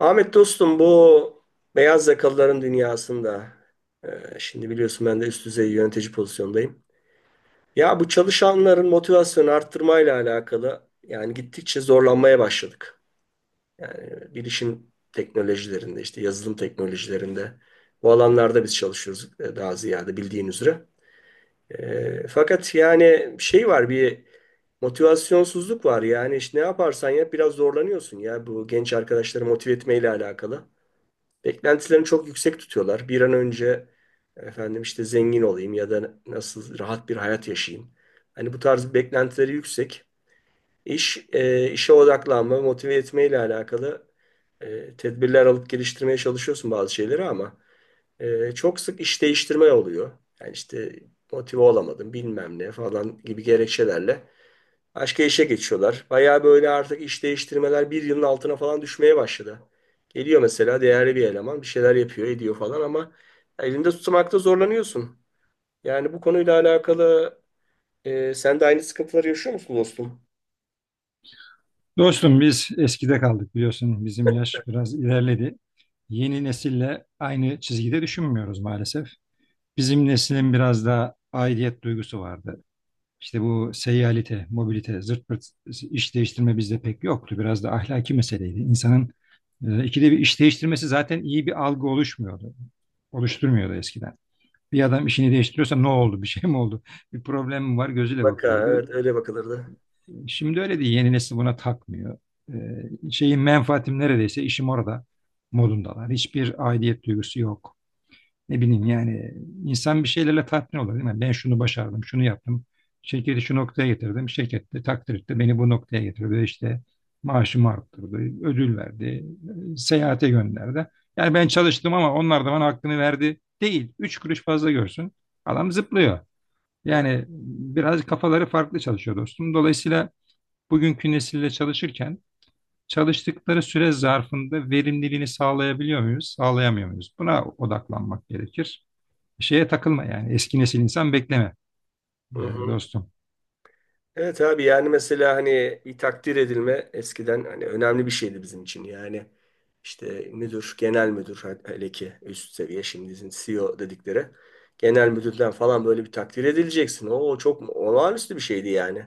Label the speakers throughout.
Speaker 1: Ahmet dostum bu beyaz yakalıların dünyasında şimdi biliyorsun ben de üst düzey yönetici pozisyondayım. Ya bu çalışanların motivasyonu arttırmayla alakalı yani gittikçe zorlanmaya başladık. Yani bilişim teknolojilerinde işte yazılım teknolojilerinde bu alanlarda biz çalışıyoruz daha ziyade bildiğin üzere. Fakat yani şey var bir motivasyonsuzluk var yani işte ne yaparsan yap biraz zorlanıyorsun ya bu genç arkadaşları motive etmeyle alakalı. Beklentilerini çok yüksek tutuyorlar. Bir an önce efendim işte zengin olayım ya da nasıl rahat bir hayat yaşayayım. Hani bu tarz beklentileri yüksek. İş, işe odaklanma, motive etme ile alakalı tedbirler alıp geliştirmeye çalışıyorsun bazı şeyleri ama çok sık iş değiştirme oluyor. Yani işte motive olamadım bilmem ne falan gibi gerekçelerle başka işe geçiyorlar. Bayağı böyle artık iş değiştirmeler bir yılın altına falan düşmeye başladı. Geliyor mesela değerli bir eleman bir şeyler yapıyor ediyor falan ama elinde tutmakta zorlanıyorsun. Yani bu konuyla alakalı sen de aynı sıkıntıları yaşıyor musun dostum?
Speaker 2: Dostum biz eskide kaldık biliyorsun bizim yaş biraz ilerledi. Yeni nesille aynı çizgide düşünmüyoruz maalesef. Bizim neslin biraz daha aidiyet duygusu vardı. İşte bu seyyalite, mobilite, zırt pırt iş değiştirme bizde pek yoktu. Biraz da ahlaki meseleydi. İnsanın ikide bir iş değiştirmesi zaten iyi bir algı oluşmuyordu. Oluşturmuyordu eskiden. Bir adam işini değiştiriyorsa ne oldu, bir şey mi oldu, bir problem mi var gözüyle
Speaker 1: Bak ha,
Speaker 2: bakıyordu.
Speaker 1: evet öyle bakılırdı.
Speaker 2: Şimdi öyle değil. Yeni nesil buna takmıyor. Şeyin menfaatim neredeyse işim orada modundalar. Hiçbir aidiyet duygusu yok. Ne bileyim yani insan bir şeylerle tatmin olur değil mi? Ben şunu başardım, şunu yaptım. Şirketi şu noktaya getirdim. Şirket de takdir etti. Beni bu noktaya getirdi. İşte maaşımı arttırdı, ödül verdi, seyahate gönderdi. Yani ben çalıştım ama onlar da bana hakkını verdi değil. Üç kuruş fazla görsün. Adam zıplıyor.
Speaker 1: He?
Speaker 2: Yani biraz kafaları farklı çalışıyor dostum. Dolayısıyla bugünkü nesille çalışırken çalıştıkları süre zarfında verimliliğini sağlayabiliyor muyuz, sağlayamıyor muyuz? Buna odaklanmak gerekir. Şeye takılma yani eski nesil insan bekleme
Speaker 1: Hı
Speaker 2: e,
Speaker 1: hı.
Speaker 2: dostum.
Speaker 1: Evet abi, yani mesela hani bir takdir edilme eskiden hani önemli bir şeydi bizim için. Yani işte müdür, genel müdür hele ki üst seviye, şimdi bizim CEO dedikleri. Genel müdürden falan böyle bir takdir edileceksin. O çok olağanüstü bir şeydi yani.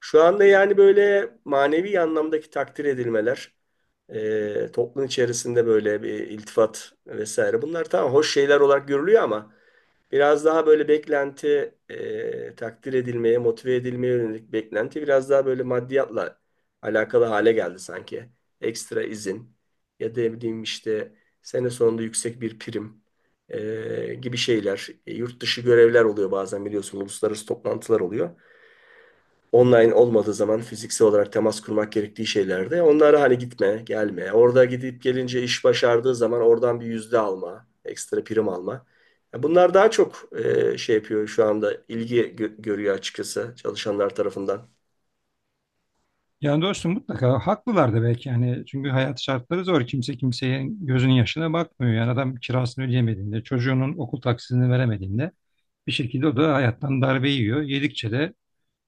Speaker 1: Şu anda yani böyle manevi anlamdaki takdir edilmeler, toplum içerisinde böyle bir iltifat vesaire bunlar tamam hoş şeyler olarak görülüyor ama biraz daha böyle beklenti, takdir edilmeye, motive edilmeye yönelik beklenti biraz daha böyle maddiyatla alakalı hale geldi sanki. Ekstra izin ya da ne bileyim işte sene sonunda yüksek bir prim gibi şeyler. Yurt dışı görevler oluyor bazen biliyorsun, uluslararası toplantılar oluyor online olmadığı zaman fiziksel olarak temas kurmak gerektiği şeylerde onlara hani gitme, gelme. Orada gidip gelince iş başardığı zaman oradan bir yüzde alma, ekstra prim alma. Ya bunlar daha çok şey yapıyor şu anda, ilgi görüyor açıkçası çalışanlar tarafından.
Speaker 2: Yani dostum mutlaka haklılar da belki yani çünkü hayat şartları zor. Kimse kimseye gözünün yaşına bakmıyor. Yani adam kirasını ödeyemediğinde, çocuğunun okul taksisini veremediğinde bir şekilde o da hayattan darbe yiyor. Yedikçe de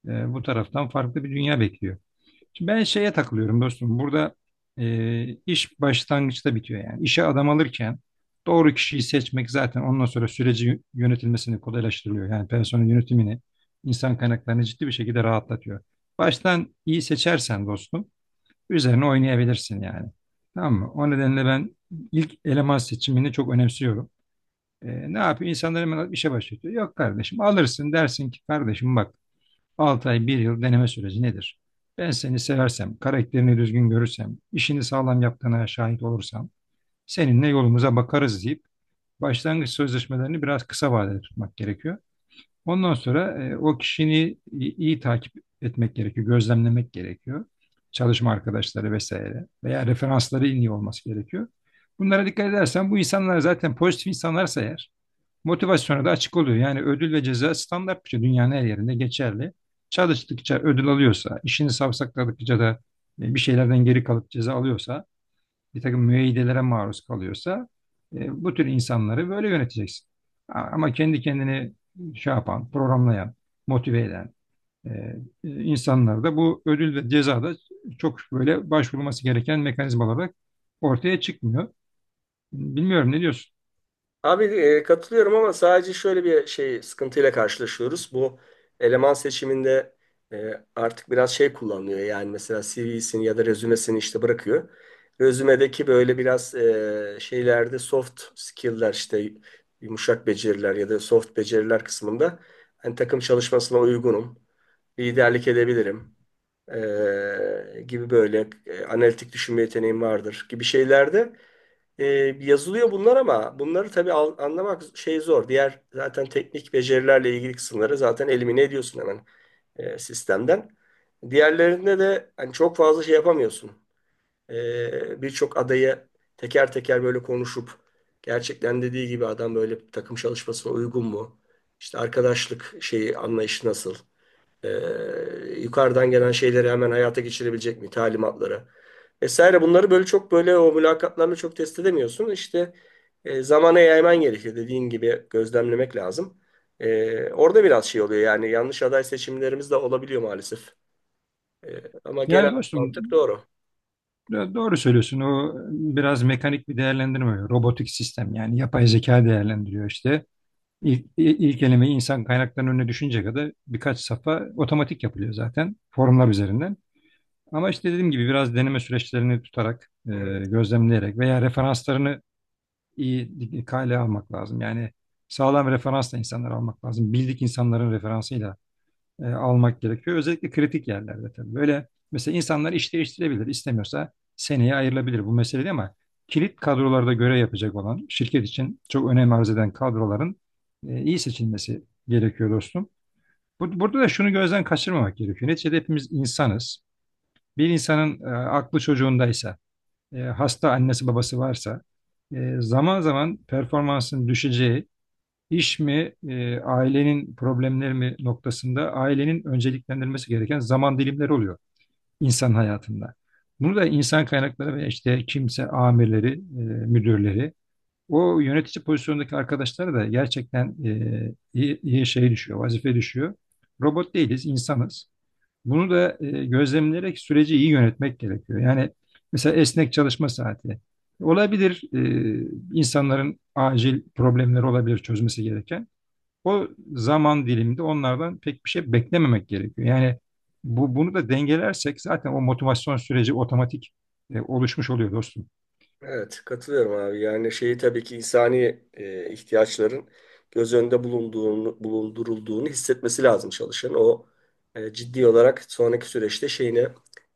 Speaker 2: bu taraftan farklı bir dünya bekliyor. Şimdi ben şeye takılıyorum dostum. Burada iş başlangıçta bitiyor yani. İşe adam alırken doğru kişiyi seçmek zaten ondan sonra süreci yönetilmesini kolaylaştırıyor. Yani personel yönetimini, insan kaynaklarını ciddi bir şekilde rahatlatıyor. Baştan iyi seçersen dostum üzerine oynayabilirsin yani. Tamam mı? O nedenle ben ilk eleman seçimini çok önemsiyorum. E, Ne yapıyor? İnsanlar hemen işe başlatıyor. Yok kardeşim alırsın dersin ki kardeşim bak 6 ay bir yıl deneme süreci nedir? Ben seni seversem, karakterini düzgün görürsem, işini sağlam yaptığına şahit olursam, seninle yolumuza bakarız deyip başlangıç sözleşmelerini biraz kısa vadede tutmak gerekiyor. Ondan sonra o kişini iyi takip etmek gerekiyor, gözlemlemek gerekiyor. Çalışma arkadaşları vesaire veya referansları iyi olması gerekiyor. Bunlara dikkat edersen bu insanlar zaten pozitif insanlarsa eğer motivasyona da açık oluyor. Yani ödül ve ceza standart bir şey. Dünyanın her yerinde geçerli. Çalıştıkça ödül alıyorsa, işini savsakladıkça da bir şeylerden geri kalıp ceza alıyorsa, bir takım müeyyidelere maruz kalıyorsa bu tür insanları böyle yöneteceksin. Ama kendi kendini şey yapan, programlayan, motive eden e, insanlar da bu ödül ve ceza da çok böyle başvurulması gereken mekanizmalar olarak ortaya çıkmıyor. Bilmiyorum ne diyorsun?
Speaker 1: Abi katılıyorum ama sadece şöyle bir şey, sıkıntıyla karşılaşıyoruz. Bu eleman seçiminde artık biraz şey kullanılıyor. Yani mesela CV'sini ya da rezümesini işte bırakıyor. Rezümedeki böyle biraz şeylerde soft skill'ler işte yumuşak beceriler ya da soft beceriler kısmında hani takım çalışmasına uygunum, liderlik edebilirim gibi böyle analitik düşünme yeteneğim vardır gibi şeylerde e, yazılıyor bunlar ama bunları tabii anlamak şey zor. Diğer zaten teknik becerilerle ilgili kısımları zaten elimine ediyorsun hemen sistemden. Diğerlerinde de hani çok fazla şey yapamıyorsun. Birçok adayı teker teker böyle konuşup gerçekten dediği gibi adam böyle takım çalışmasına uygun mu? İşte arkadaşlık şeyi anlayışı nasıl? Ee, Yukarıdan gelen şeyleri hemen hayata geçirebilecek mi? Talimatları vesaire. Bunları böyle çok böyle o mülakatlarla çok test edemiyorsun. İşte zamana yayman gerekiyor. Dediğin gibi gözlemlemek lazım. Orada biraz şey oluyor yani yanlış aday seçimlerimiz de olabiliyor maalesef. Ama
Speaker 2: Yani
Speaker 1: genel
Speaker 2: dostum
Speaker 1: mantık doğru.
Speaker 2: Doğru söylüyorsun. O biraz mekanik bir değerlendirme. Robotik sistem yani yapay zeka değerlendiriyor işte. İlk, i- ilk elemeyi insan kaynaklarının önüne düşünce kadar birkaç safha otomatik yapılıyor zaten formlar üzerinden. Ama işte dediğim gibi biraz deneme süreçlerini tutarak,
Speaker 1: Evet.
Speaker 2: gözlemleyerek veya referanslarını iyi kale almak lazım. Yani sağlam referansla insanları almak lazım. Bildik insanların referansı almak gerekiyor. Özellikle kritik yerlerde tabii. Böyle mesela insanlar iş değiştirebilir. İstemiyorsa seneye ayrılabilir bu mesele değil ama kilit kadrolarda görev yapacak olan şirket için çok önem arz eden kadroların iyi seçilmesi gerekiyor dostum. Burada da şunu gözden kaçırmamak gerekiyor. Neticede hepimiz insanız. Bir insanın aklı çocuğundaysa, hasta annesi babası varsa zaman zaman performansın düşeceği İş mi, ailenin problemleri mi noktasında ailenin önceliklendirmesi gereken zaman dilimleri oluyor insan hayatında. Bunu da insan kaynakları ve işte kimse amirleri, müdürleri, o yönetici pozisyondaki arkadaşlara da gerçekten iyi şey düşüyor, vazife düşüyor. Robot değiliz, insanız. Bunu da gözlemleyerek süreci iyi yönetmek gerekiyor. Yani mesela esnek çalışma saati. Olabilir, insanların acil problemleri olabilir çözmesi gereken. O zaman diliminde onlardan pek bir şey beklememek gerekiyor. Yani bunu da dengelersek zaten o motivasyon süreci otomatik oluşmuş oluyor dostum.
Speaker 1: Evet, katılıyorum abi. Yani şeyi tabii ki insani ihtiyaçların göz önünde bulunduğunu, bulundurulduğunu hissetmesi lazım çalışan. O ciddi olarak sonraki süreçte şeyine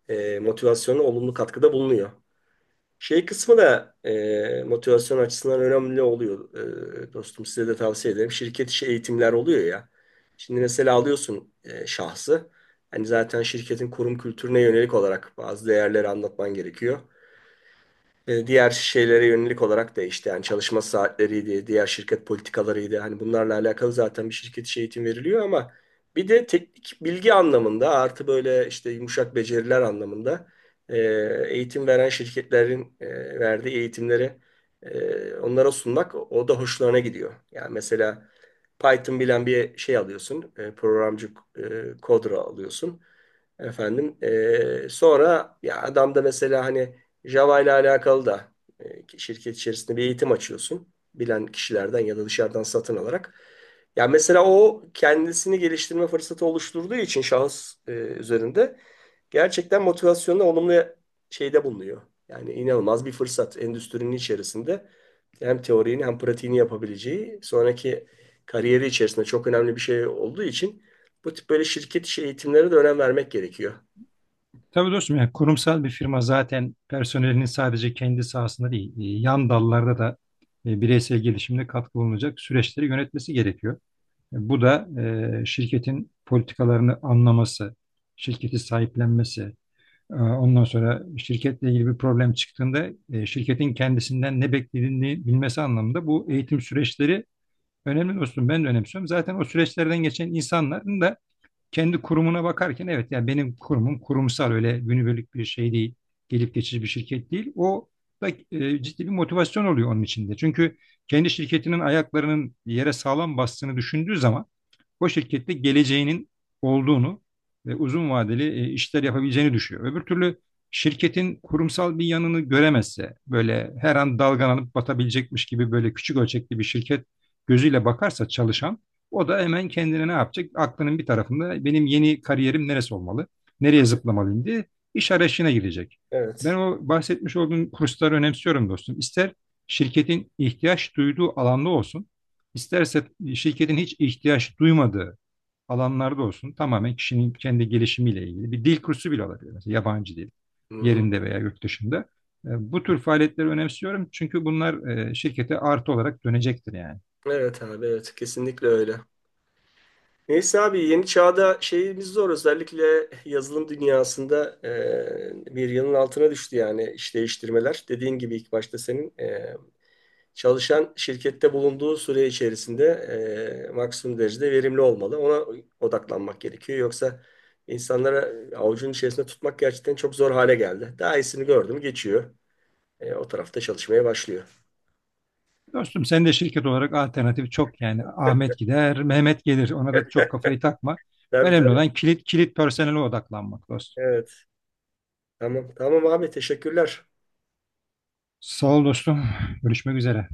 Speaker 1: motivasyona olumlu katkıda bulunuyor. Şey kısmı da motivasyon açısından önemli oluyor. Dostum size de tavsiye ederim. Şirket içi eğitimler oluyor ya. Şimdi mesela alıyorsun şahsı. Hani zaten şirketin kurum kültürüne yönelik olarak bazı değerleri anlatman gerekiyor, diğer şeylere yönelik olarak değişti. Yani çalışma saatleriydi, diğer şirket politikalarıydı. Hani bunlarla alakalı zaten bir şirket içi eğitim veriliyor ama bir de teknik bilgi anlamında artı böyle işte yumuşak beceriler anlamında e, eğitim veren şirketlerin verdiği eğitimleri onlara sunmak, o da hoşlarına gidiyor. Yani mesela Python bilen bir şey alıyorsun, programcı kodra alıyorsun. Efendim, sonra ya adam da mesela hani Java ile alakalı da şirket içerisinde bir eğitim açıyorsun. Bilen kişilerden ya da dışarıdan satın alarak. Yani mesela o kendisini geliştirme fırsatı oluşturduğu için şahıs üzerinde gerçekten motivasyonla olumlu şeyde bulunuyor. Yani inanılmaz bir fırsat endüstrinin içerisinde hem teorini hem pratiğini yapabileceği sonraki kariyeri içerisinde çok önemli bir şey olduğu için bu tip böyle şirket içi eğitimlere de önem vermek gerekiyor.
Speaker 2: Tabii dostum yani kurumsal bir firma zaten personelinin sadece kendi sahasında değil, yan dallarda da bireysel gelişimde katkı bulunacak süreçleri yönetmesi gerekiyor. Bu da şirketin politikalarını anlaması, şirketi sahiplenmesi. Ondan sonra şirketle ilgili bir problem çıktığında şirketin kendisinden ne beklediğini bilmesi anlamında bu eğitim süreçleri önemli dostum. Ben de önemsiyorum. Zaten o süreçlerden geçen insanların da kendi kurumuna bakarken evet yani benim kurumum kurumsal öyle günübirlik bir şey değil. Gelip geçici bir şirket değil. O da ciddi bir motivasyon oluyor onun içinde. Çünkü kendi şirketinin ayaklarının yere sağlam bastığını düşündüğü zaman o şirkette geleceğinin olduğunu ve uzun vadeli işler yapabileceğini düşünüyor. Öbür türlü şirketin kurumsal bir yanını göremezse böyle her an dalgalanıp batabilecekmiş gibi böyle küçük ölçekli bir şirket gözüyle bakarsa çalışan o da hemen kendine ne yapacak? Aklının bir tarafında benim yeni kariyerim neresi olmalı? Nereye zıplamalıyım diye iş arayışına girecek. Ben
Speaker 1: Evet.
Speaker 2: o bahsetmiş olduğum kursları önemsiyorum dostum. İster şirketin ihtiyaç duyduğu alanda olsun, isterse şirketin hiç ihtiyaç duymadığı alanlarda olsun. Tamamen kişinin kendi gelişimiyle ilgili bir dil kursu bile olabilir. Mesela yabancı dil
Speaker 1: Hı hı.
Speaker 2: yerinde veya yurt dışında. Bu tür faaliyetleri önemsiyorum çünkü bunlar şirkete artı olarak dönecektir yani.
Speaker 1: Evet abi, evet kesinlikle öyle. Neyse abi, yeni çağda şeyimiz zor, özellikle yazılım dünyasında bir yılın altına düştü yani iş değiştirmeler. Dediğin gibi ilk başta senin çalışan şirkette bulunduğu süre içerisinde maksimum derecede verimli olmalı. Ona odaklanmak gerekiyor. Yoksa insanlara avucun içerisinde tutmak gerçekten çok zor hale geldi. Daha iyisini gördü mü geçiyor. O tarafta çalışmaya başlıyor.
Speaker 2: Dostum sen de şirket olarak alternatif çok yani Ahmet gider, Mehmet gelir. Ona da çok kafayı takma.
Speaker 1: Tabii
Speaker 2: Önemli
Speaker 1: tabii,
Speaker 2: olan kilit personele odaklanmak dostum.
Speaker 1: evet, tamam tamam abi, teşekkürler.
Speaker 2: Sağ ol dostum. Görüşmek üzere.